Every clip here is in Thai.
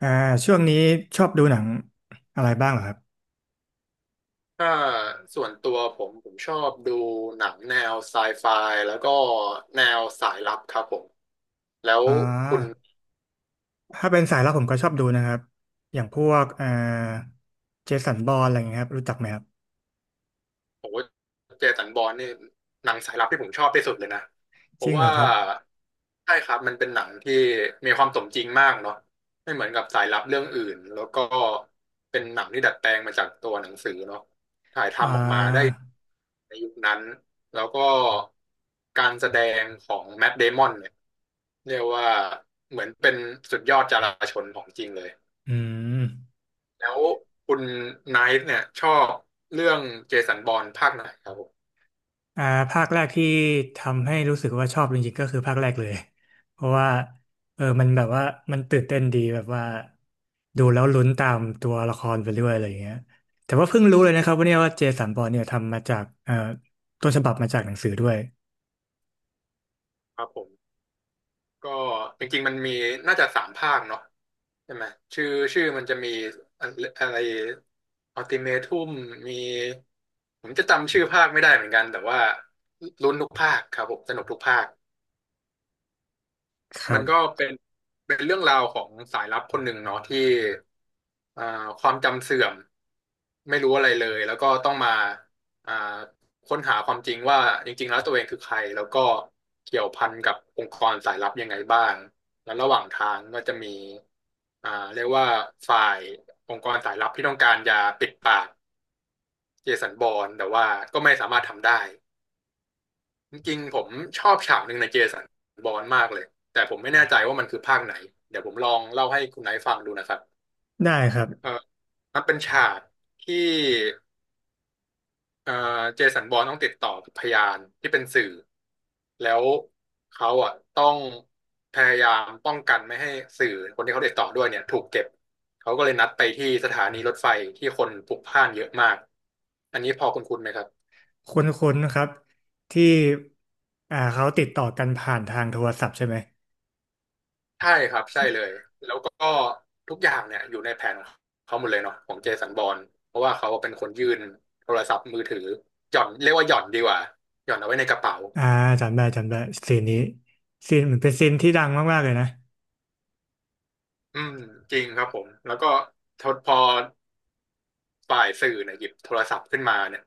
อ่าช่วงนี้ชอบดูหนังอะไรบ้างเหรอครับถ้าส่วนตัวผมชอบดูหนังแนวไซไฟแล้วก็แนวสายลับครับผมแล้วอ่คุณาถ้าเป็นสายลับผมก็ชอบดูนะครับอย่างพวกเจสันบอรนอะไรอย่างเงี้ยครับรู้จักไหมครับโอ้เจสันบอร์นนี่หนังสายลับที่ผมชอบที่สุดเลยนะเพจริราะงเหรว่าอครับใช่ครับมันเป็นหนังที่มีความสมจริงมากเนาะไม่เหมือนกับสายลับเรื่องอื่นแล้วก็เป็นหนังที่ดัดแปลงมาจากตัวหนังสือเนาะถ่ายอ่ทำออกมาได้ าในยุคนั้นแล้วก็การแสดงของแมทเดมอนเนี่ยเรียกว่าเหมือนเป็นสุดยอดจราชนของจริงเลยอืมแล้วคุณไนท์เนี่ยชอบเรื่องเจสันบอร์นภาคไหนครับผมอ่าภาคแรกที่ทำให้รู้สึกว่าชอบจริงๆก็คือภาคแรกเลย เพราะว่าเออมันแบบว่ามันตื่นเต้นดีแบบว่าดูแล้วลุ้นตามตัวละครไปเรื่อยอะไรอย่างเงี้ยแต่ว่าเพิ่งรู้เลยนะครับว่าเนี่ยว่าเจสันบอนเนี่ยทำมาจากต้นฉบับมาจากหนังสือด้วยครับผมก็จริงๆมันมีน่าจะสามภาคเนาะใช่ไหมชื่อชื่อมันจะมีอะอะไรอัลติเมทุมมีผมจะจำชื่อภาคไม่ได้เหมือนกันแต่ว่าลุ้นทุกภาคครับผมสนุกทุกภาค ครัมันบ ก็เป็นเรื่องราวของสายลับคนหนึ่งเนาะที่อ่าความจำเสื่อมไม่รู้อะไรเลยแล้วก็ต้องมาอ่าค้นหาความจริงว่าจริงๆแล้วตัวเองคือใครแล้วก็เกี่ยวพันกับองค์กรสายลับยังไงบ้างแล้วระหว่างทางก็จะมีเรียกว่าฝ่ายองค์กรสายลับที่ต้องการจะปิดปากเจสันบอร์นแต่ว่าก็ไม่สามารถทำได้ จริงๆผมชอบฉากหนึ่งในเจสันบอนมากเลยแต่ผมไม่แน่ใจว่ามันคือภาคไหนเดี๋ยวผมลองเล่าให้คุณไหนท์ฟังดูนะครับได้ครับเออมันเป็นฉากที่เออเจสันบอร์นต้องติดต่อกับพยานที่เป็นสื่อแล้วเขาอ่ะต้องพยายามป้องกันไม่ให้สื่อคนที่เขาติดต่อด้วยเนี่ยถูกเก็บเขาก็เลยนัดไปที่สถานีรถไฟที่คนพลุกพล่านเยอะมากอันนี้พอคุณไหมครับ คุ้นๆนะครับที่เขาติดต่อกันผ่านทางโทรศัพท์ใช่ไหมใช่ครับใช่เลยแล้วก็ทุกอย่างเนี่ยอยู่ในแผนของเขาหมดเลยเนาะของเจสันบอรนเพราะว่าเขาเป็นคนยื่นโทรศัพท์มือถือหย่อนเรียกว่าหย่อนดีกว่าหย่อนเอาไว้ในกระเป๋าอ่าจำได้ซีนนี้ซีนเหมือนเป็นซีนที่ดังมากๆเลยนะอืมจริงครับผมแล้วก็ทดพอฝ่ายสื่อเนี่ยหยิบโทรศัพท์ขึ้นมาเนี่ย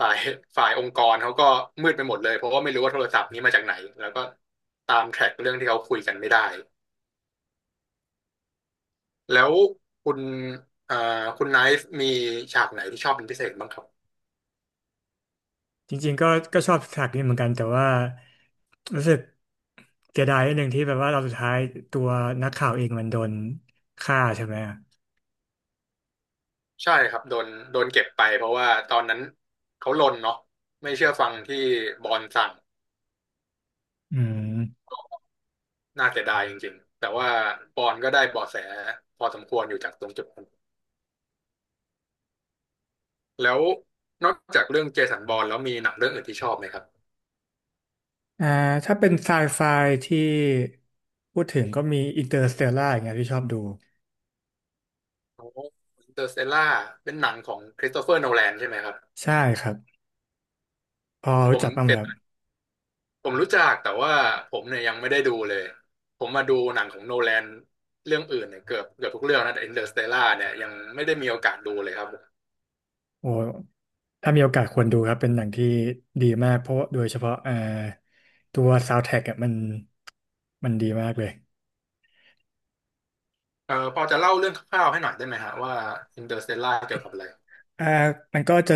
ฝ่ายฝ่ายองค์กรเขาก็มืดไปหมดเลยเพราะว่าไม่รู้ว่าโทรศัพท์นี้มาจากไหนแล้วก็ตามแทร็กเรื่องที่เขาคุยกันไม่ได้แล้วคุณเอ่อคุณไนฟ์มีฉากไหนที่ชอบเป็นพิเศษบ้างครับ จริงๆก็ชอบฉากนี้เหมือนกันแต่ว่ารู้สึกเสียดายนิดนึงที่แบบว่าเราสุดท้ายตัวนักข่าวเองมันโดนฆ่าใช่ไหมอะใช่ครับโดนเก็บไปเพราะว่าตอนนั้นเขาลนเนาะไม่เชื่อฟังที่บอลสั่งอืมน่าเสียดายจริงๆแต่ว่าบอลก็ได้เบาะแสพอสมควรอยู่จากตรงจุดนั้นแล้วนอกจากเรื่องเจสันบอลแล้วมีหนังเรื่องอื่นที่ชอบไหมครับอ่าถ้าเป็นไซไฟที่พูดถึงก็มีอินเตอร์สเตลล่าอย่างเงี้ยที่ชอบดูโอ้อินเตอร์สเตลล่าเป็นหนังของคริสโตเฟอร์โนแลนใช่ไหมครับใช่ครับพอผรู้มจักบ้างเสไหมร็จครับ ผมรู้จักแต่ว่าผมเนี่ยยังไม่ได้ดูเลยผมมาดูหนังของโนแลนเรื่องอื่นเนี่ยเกือบทุกเรื่องนะแต่อินเตอร์สเตลล่าเนี่ยยังไม่ได้มีโอกาสดูเลยครับ โอ้ถ้ามีโอกาสควรดูครับเป็นหนังที่ดีมากเพราะโดยเฉพาะตัวซาวด์แทร็กอ่ะมันดีมากเลยพอจะเล่าเรื่องคร่าวๆให้หน่อยได้ไหมฮะว่าอินเตอร์สเตลล่าเกี่ยวกับอะไรอ่ามันก็จะ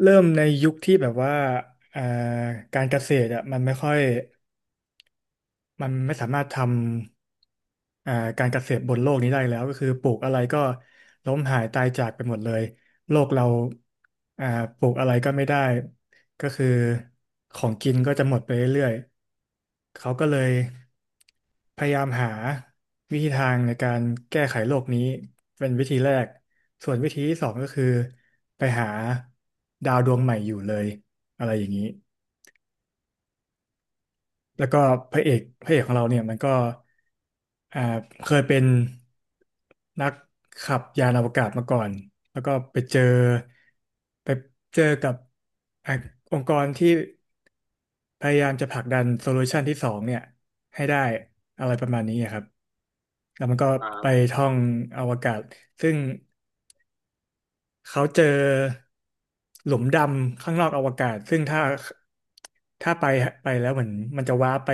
เริ่มในยุคที่แบบว่าอ่าการเกษตรอ่ะมันไม่ค่อย มันไม่สามารถทำการเกษตรบนโลกนี้ได้แล้วก็คือปลูกอะไรก็ล้มหายตายจากไปหมดเลยโลกเราอ่าปลูกอะไรก็ไม่ได้ก็คือของกินก็จะหมดไปเรื่อยๆเขาก็เลยพยายามหาวิธีทางในการแก้ไขโลกนี้เป็นวิธีแรกส่วนวิธีที่สองก็คือไปหาดาวดวงใหม่อยู่เลยอะไรอย่างนี้ แล้วก็พระเอกของเราเนี่ยมันก็อ่าเคยเป็นนักขับยานอวกาศมาก่อนแล้วก็ไปเจอไปเจอกับอ่ะองค์กรที่พยายามจะผลักดันโซลูชันที่สองเนี่ยให้ได้อะไรประมาณนี้ครับแล้วมันก็อ่ไปาท่องอวกาศซึ่ง เขาเจอหลุมดำข้างนอกอวกาศซึ่งถ้าถ้าไปไปแล้วเหมือนมันจะว้าร์ปไป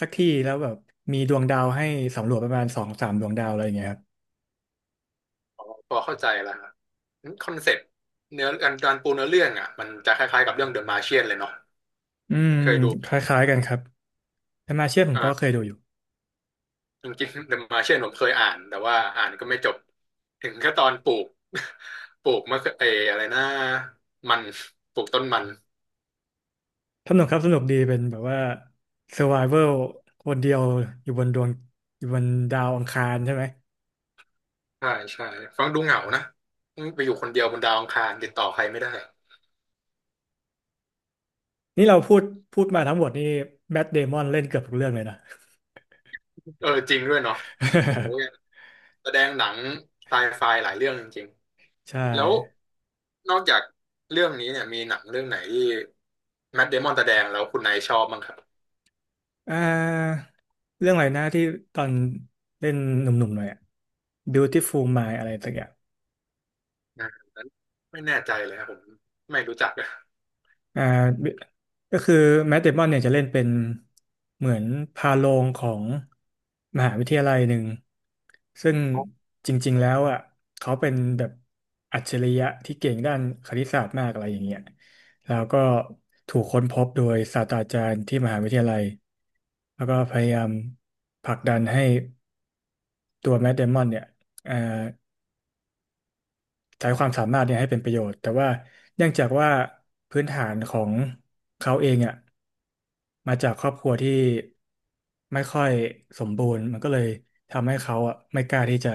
สักที่แล้วแบบมีดวงดาวให้สำรวจประมาณสองสามดวงดาวอะไรอย่างเงี้ยครับพอเข้าใจแล้วครับคอนเซ็ปต์เนื้อการปูเนื้อเรื่องอ่ะมันจะคล้ายๆกับเรื่องเดอะมา t i เชียนเลยเนาะอืมเคยดูคล้ายๆกันครับแตมาเชียผมก็เคอ่ายดูอยู่จริงๆเดอะมาร์เชียนผมเคยอ่านแต่ว่าอ่านก็ไม่จบถึงแค่ตอนปลูก ปลูกมะเขือเอออะไรนะมันปลูกต้นมันสนุกครับสนุกดีเป็นแบบว่า Survival คนเดียวอยู่บนดวงอยู่บนดาวอังคารใช่ไหมใช่ใช่ฟังดูเหงานะไปอยู่คนเดียวบนดาวอังคารติดต่อใครไม่ได้นี่เราพูดมาทั้งหมดนี่แมทเดมอนเล่นเกือบทุกเรื่องเลยนะ เออจริงด้วยเนาะโอ้ แสดงหนังไซไฟหลายเรื่องจริง ใช่ แล้วนอกจากเรื่องนี้เนี่ยมีหนังเรื่องไหนที่แมทเดมอนแสดงแล้วคุณนายชอบบ้างครับอ่าเรื่องอะไรนะที่ตอนเล่นหนุ่มๆหน่อยอะ Beautiful Mind อะไรสักอย่างอ่านั้นไม่แน่ใจเลยครับผมไม่รู้จักอะอ่าก็คือแมทเดมอนเนี่ยจะเล่นเป็นเหมือนพาโรงของมหาวิทยาลัยหนึ่งซึ่งอ๋อจริงๆแล้วอ่ะเขาเป็นแบบอัจฉริยะที่เก่งด้านคณิตศาสตร์มากอะไรอย่างเงี้ยแล้วก็ถูกค้นพบโดยศาสตราจารย์ที่มหาวิทยาลัยแล้วก็พยายามผลักดันให้ ตัวแมทเดมอนเนี่ยเอ่อใช้ความสามารถเนี่ยให้เป็นประโยชน์แต่ว่าเนื่องจากว่าพื้นฐานของเขาเองอ่ะมาจากครอบครัวที่ไม่ค่อยสมบูรณ์มันก็เลยทำให้เขาอ่ะไม่กล้าที่จะ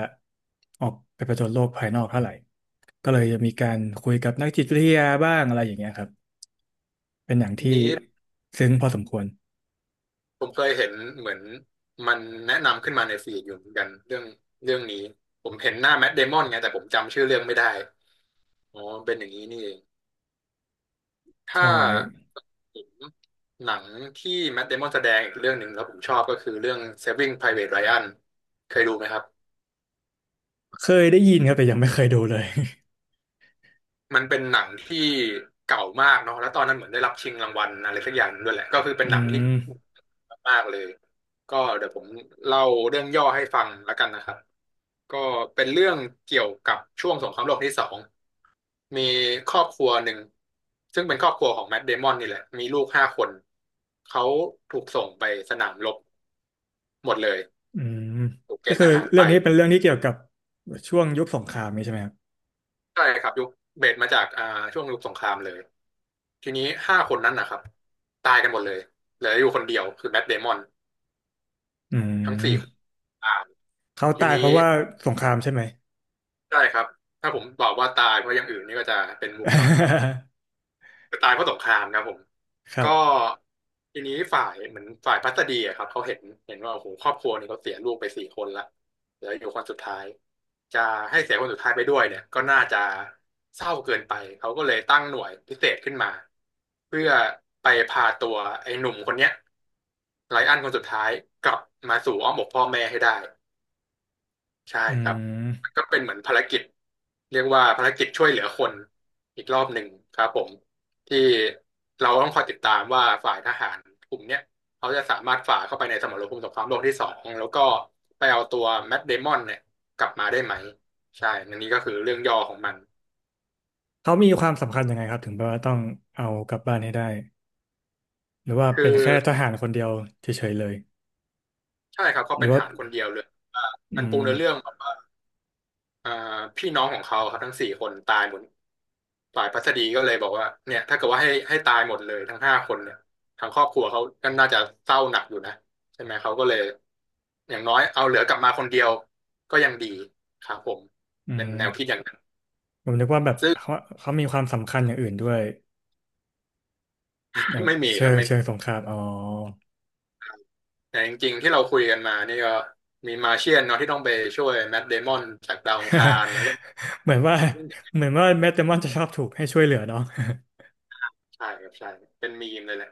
ออกไปผจญโลกภายนอกเท่าไหร่ก็เลยจะมีการคุยกับนักจิตวิทยาบ้างอะไรอย่างเงี้ยครับเป็นอย่างอันที่นี้ซึ้งพอสมควรผมเคยเห็นเหมือนมันแนะนำขึ้นมาในฟีดอยู่เหมือนกันเรื่องนี้ผมเห็นหน้าแมทเดมอนไงแต่ผมจำชื่อเรื่องไม่ได้อ๋อเป็นอย่างนี้นี่เองถ้าใช่ผมหนังที่แมทเดมอนแสดงอีกเรื่องหนึ่งแล้วผมชอบก็คือเรื่อง Saving Private Ryan เคยดูไหมครับ เคยได้ยินครับแต่ยังไม่เคยดูเลย มันเป็นหนังที่เก่ามากเนาะแล้วตอนนั้นเหมือนได้รับชิงรางวัลอะไรสักอย่างด้วยแหละก็คือ เป็นอืหนังที่ม มากๆเลยก็เดี๋ยวผมเล่าเรื่องย่อให้ฟังแล้วกันนะครับก็เป็นเรื่องเกี่ยวกับช่วงสงครามโลกที่สองมีครอบครัวหนึ่งซึ่งเป็นครอบครัวของแมทเดมอนนี่แหละมีลูกห้าคนเขาถูกส่งไปสนามรบหมดเลยอืมถูกเกก็ณฑ์คืทอหารเรื่ไปองนี้เป็นเรื่องที่เกี่ยวกับช่วงยุคสงครามนี้ใช่ไหมครับใช่ครับยุคเบสมาจากช่วงยุคสงครามเลย ทีนี้5 คนนั้นนะครับตายกันหมดเลยเหลืออยู่คนเดียวคือแมทเดมอนอืทั้งสี่คนมตายเขาทีตายเพนี้ราะว่าสงครามใช่ไหม ใช่ครับถ้าผมบอกว่าตายเพราะอย่างอื่นนี่ก็จะเป็นมุกเนาะก็ตายเพราะสงครามครับผม ครัก็บทีนี้ฝ่ายเหมือนฝ่ายพัสดีอะครับเขาเห็นว่าโอ้โหครอบครัวนี่เขาเสียลูกไป4 คนละเหลืออยู่คนสุดท้ายจะให้เสียคนสุดท้ายไปด้วยเนี่ยก็น่าจะเศร้าเกินไปเขาก็เลยตั้งหน่วยพิเศษขึ้นมาเพื่อไปพาตัวไอ้หนุ่มคนเนี้ย ไรอันคนสุดท้ายกลับมาสู่อ้อมอกพ่อแม่ให้ได้ใช่อืครับมันมก็เป็นเหมือนภารกิจเรียกว่าภารกิจช่วยเหลือคนอีกรอบหนึ่งครับผมที่เราต้องคอยติดตามว่าฝ่ายทหารกลุ่มเนี้ยเขาจะสามารถฝ่าเข้าไปในสมรภูมิสงครามโลกที่สองแล้วก็ไปเอาตัวแมทเดมอนเนี่ยกลับมาได้ไหมใช่อันนี้ก็คือเรื่องย่อของมันเขามีความสำคัญยังไงครับถึงแบบว่าต้องเอากลับบ้านให้ได้หรือว่าคืเป็นอแค่ทหารคนเดียวเฉยๆเลยใช่ครับเขาหรืเป็อนทว่าหารคนเดียวเลยว่าอืมันปูมเนื้อเรื่อง อ่าพี่น้องของเขาครับทั้ง4 คนตายหมดฝ่ายพัสดีก็เลยบอกว่าเนี่ยถ้าเกิดว่าให้ตายหมดเลยทั้งห้าคนเนี่ยทางครอบครัวเขาก็น่าจะเศร้าหนักอยู่นะใช่ไหมเขาก็เลยอย่างน้อยเอาเหลือกลับมาคนเดียวก็ยังดีครับผมอืเป็มนแนวคิดอย่างนั้นผมนึกว่าแบบซึ่ง เขามีความสำคัญอย่างอื่นด้วยแบ บไม่มีเชิครับงไม่เชิงสงครามอ๋อ แต่จริงๆที่เราคุยกันมานี่ก็มีมาเชียนเนาะที่ต้องไปช่วยแมทเดมอนจากดาวอังคา รแล้วก็เหมือนว่าเหมือนว่าแมตเตอร์มอนจะชอบถูกให้ช่วยเหลือเนาะ ใช่ครับใช่เป็นมีมเลยแหละ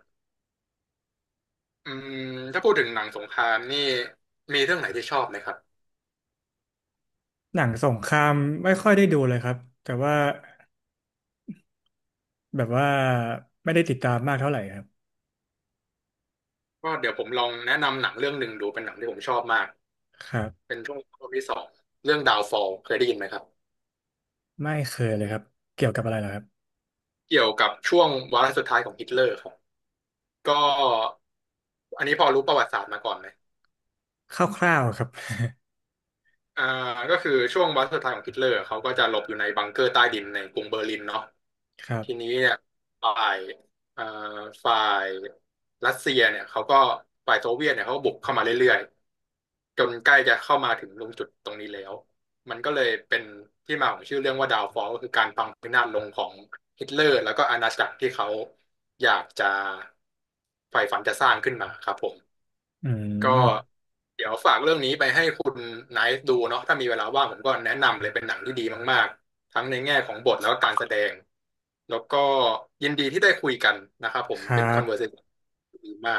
อืมถ้าพูดถึงหนังสงครามนี่มีเรื่องไหนที่ชอบไหมครับ หนังสงครามไม่ค่อยได้ดูเลยครับแต่ว่าแบบว่าไม่ได้ติดตามมากเท่าไหร่ครับก็เดี๋ยวผมลองแนะนำหนังเรื่องหนึ่งดูเป็นหนังที่ผมชอบมากครับเป็นช่วงรอบงที่สองเรื่องดาวฟอลเคยได้ยินไหมครับไม่เคยเลยครับเกี่ยวกับอะไรเหรอครับเกี่ยวกับช่วงวาระสุดท้ายของฮิตเลอร์ครับก็อันนี้พอรู้ประวัติศาสตร์มาก่อนไหมคร่าวๆครับอ่าก็คือช่วงวาระสุดท้ายของฮิตเลอร์เขาก็จะหลบอยู่ในบังเกอร์ใต้ดินในกรุงเบอร์ลินเนาะ ครัทีนี้บเนี่ยฝ่ายเอ่อฝ่ายรัสเซียเนี่ยเขาก็ฝ่ายโซเวียตเนี่ยเขาก็บุกเข้ามาเรื่อยๆจนใกล้จะเข้ามาถึงตรงจุดตรงนี้แล้วมันก็เลยเป็นที่มาของชื่อเรื่องว่าดาวฟอลก็คือการพังพินาศลงของฮิตเลอร์แล้วก็อาณาจักรที่เขาอยากจะใฝ่ฝันจะสร้างขึ้นมาครับผม อืก็มเดี๋ยวฝากเรื่องนี้ไปให้คุณไนท์ดูเนาะถ้ามีเวลาว่างผมก็แนะนำเลยเป็นหนังที่ดีมากๆทั้งในแง่ของบทแล้วก็การแสดงแล้วก็ยินดีที่ได้คุยกันนะครับผมครัเป็น บ conversation ที่ดีมาก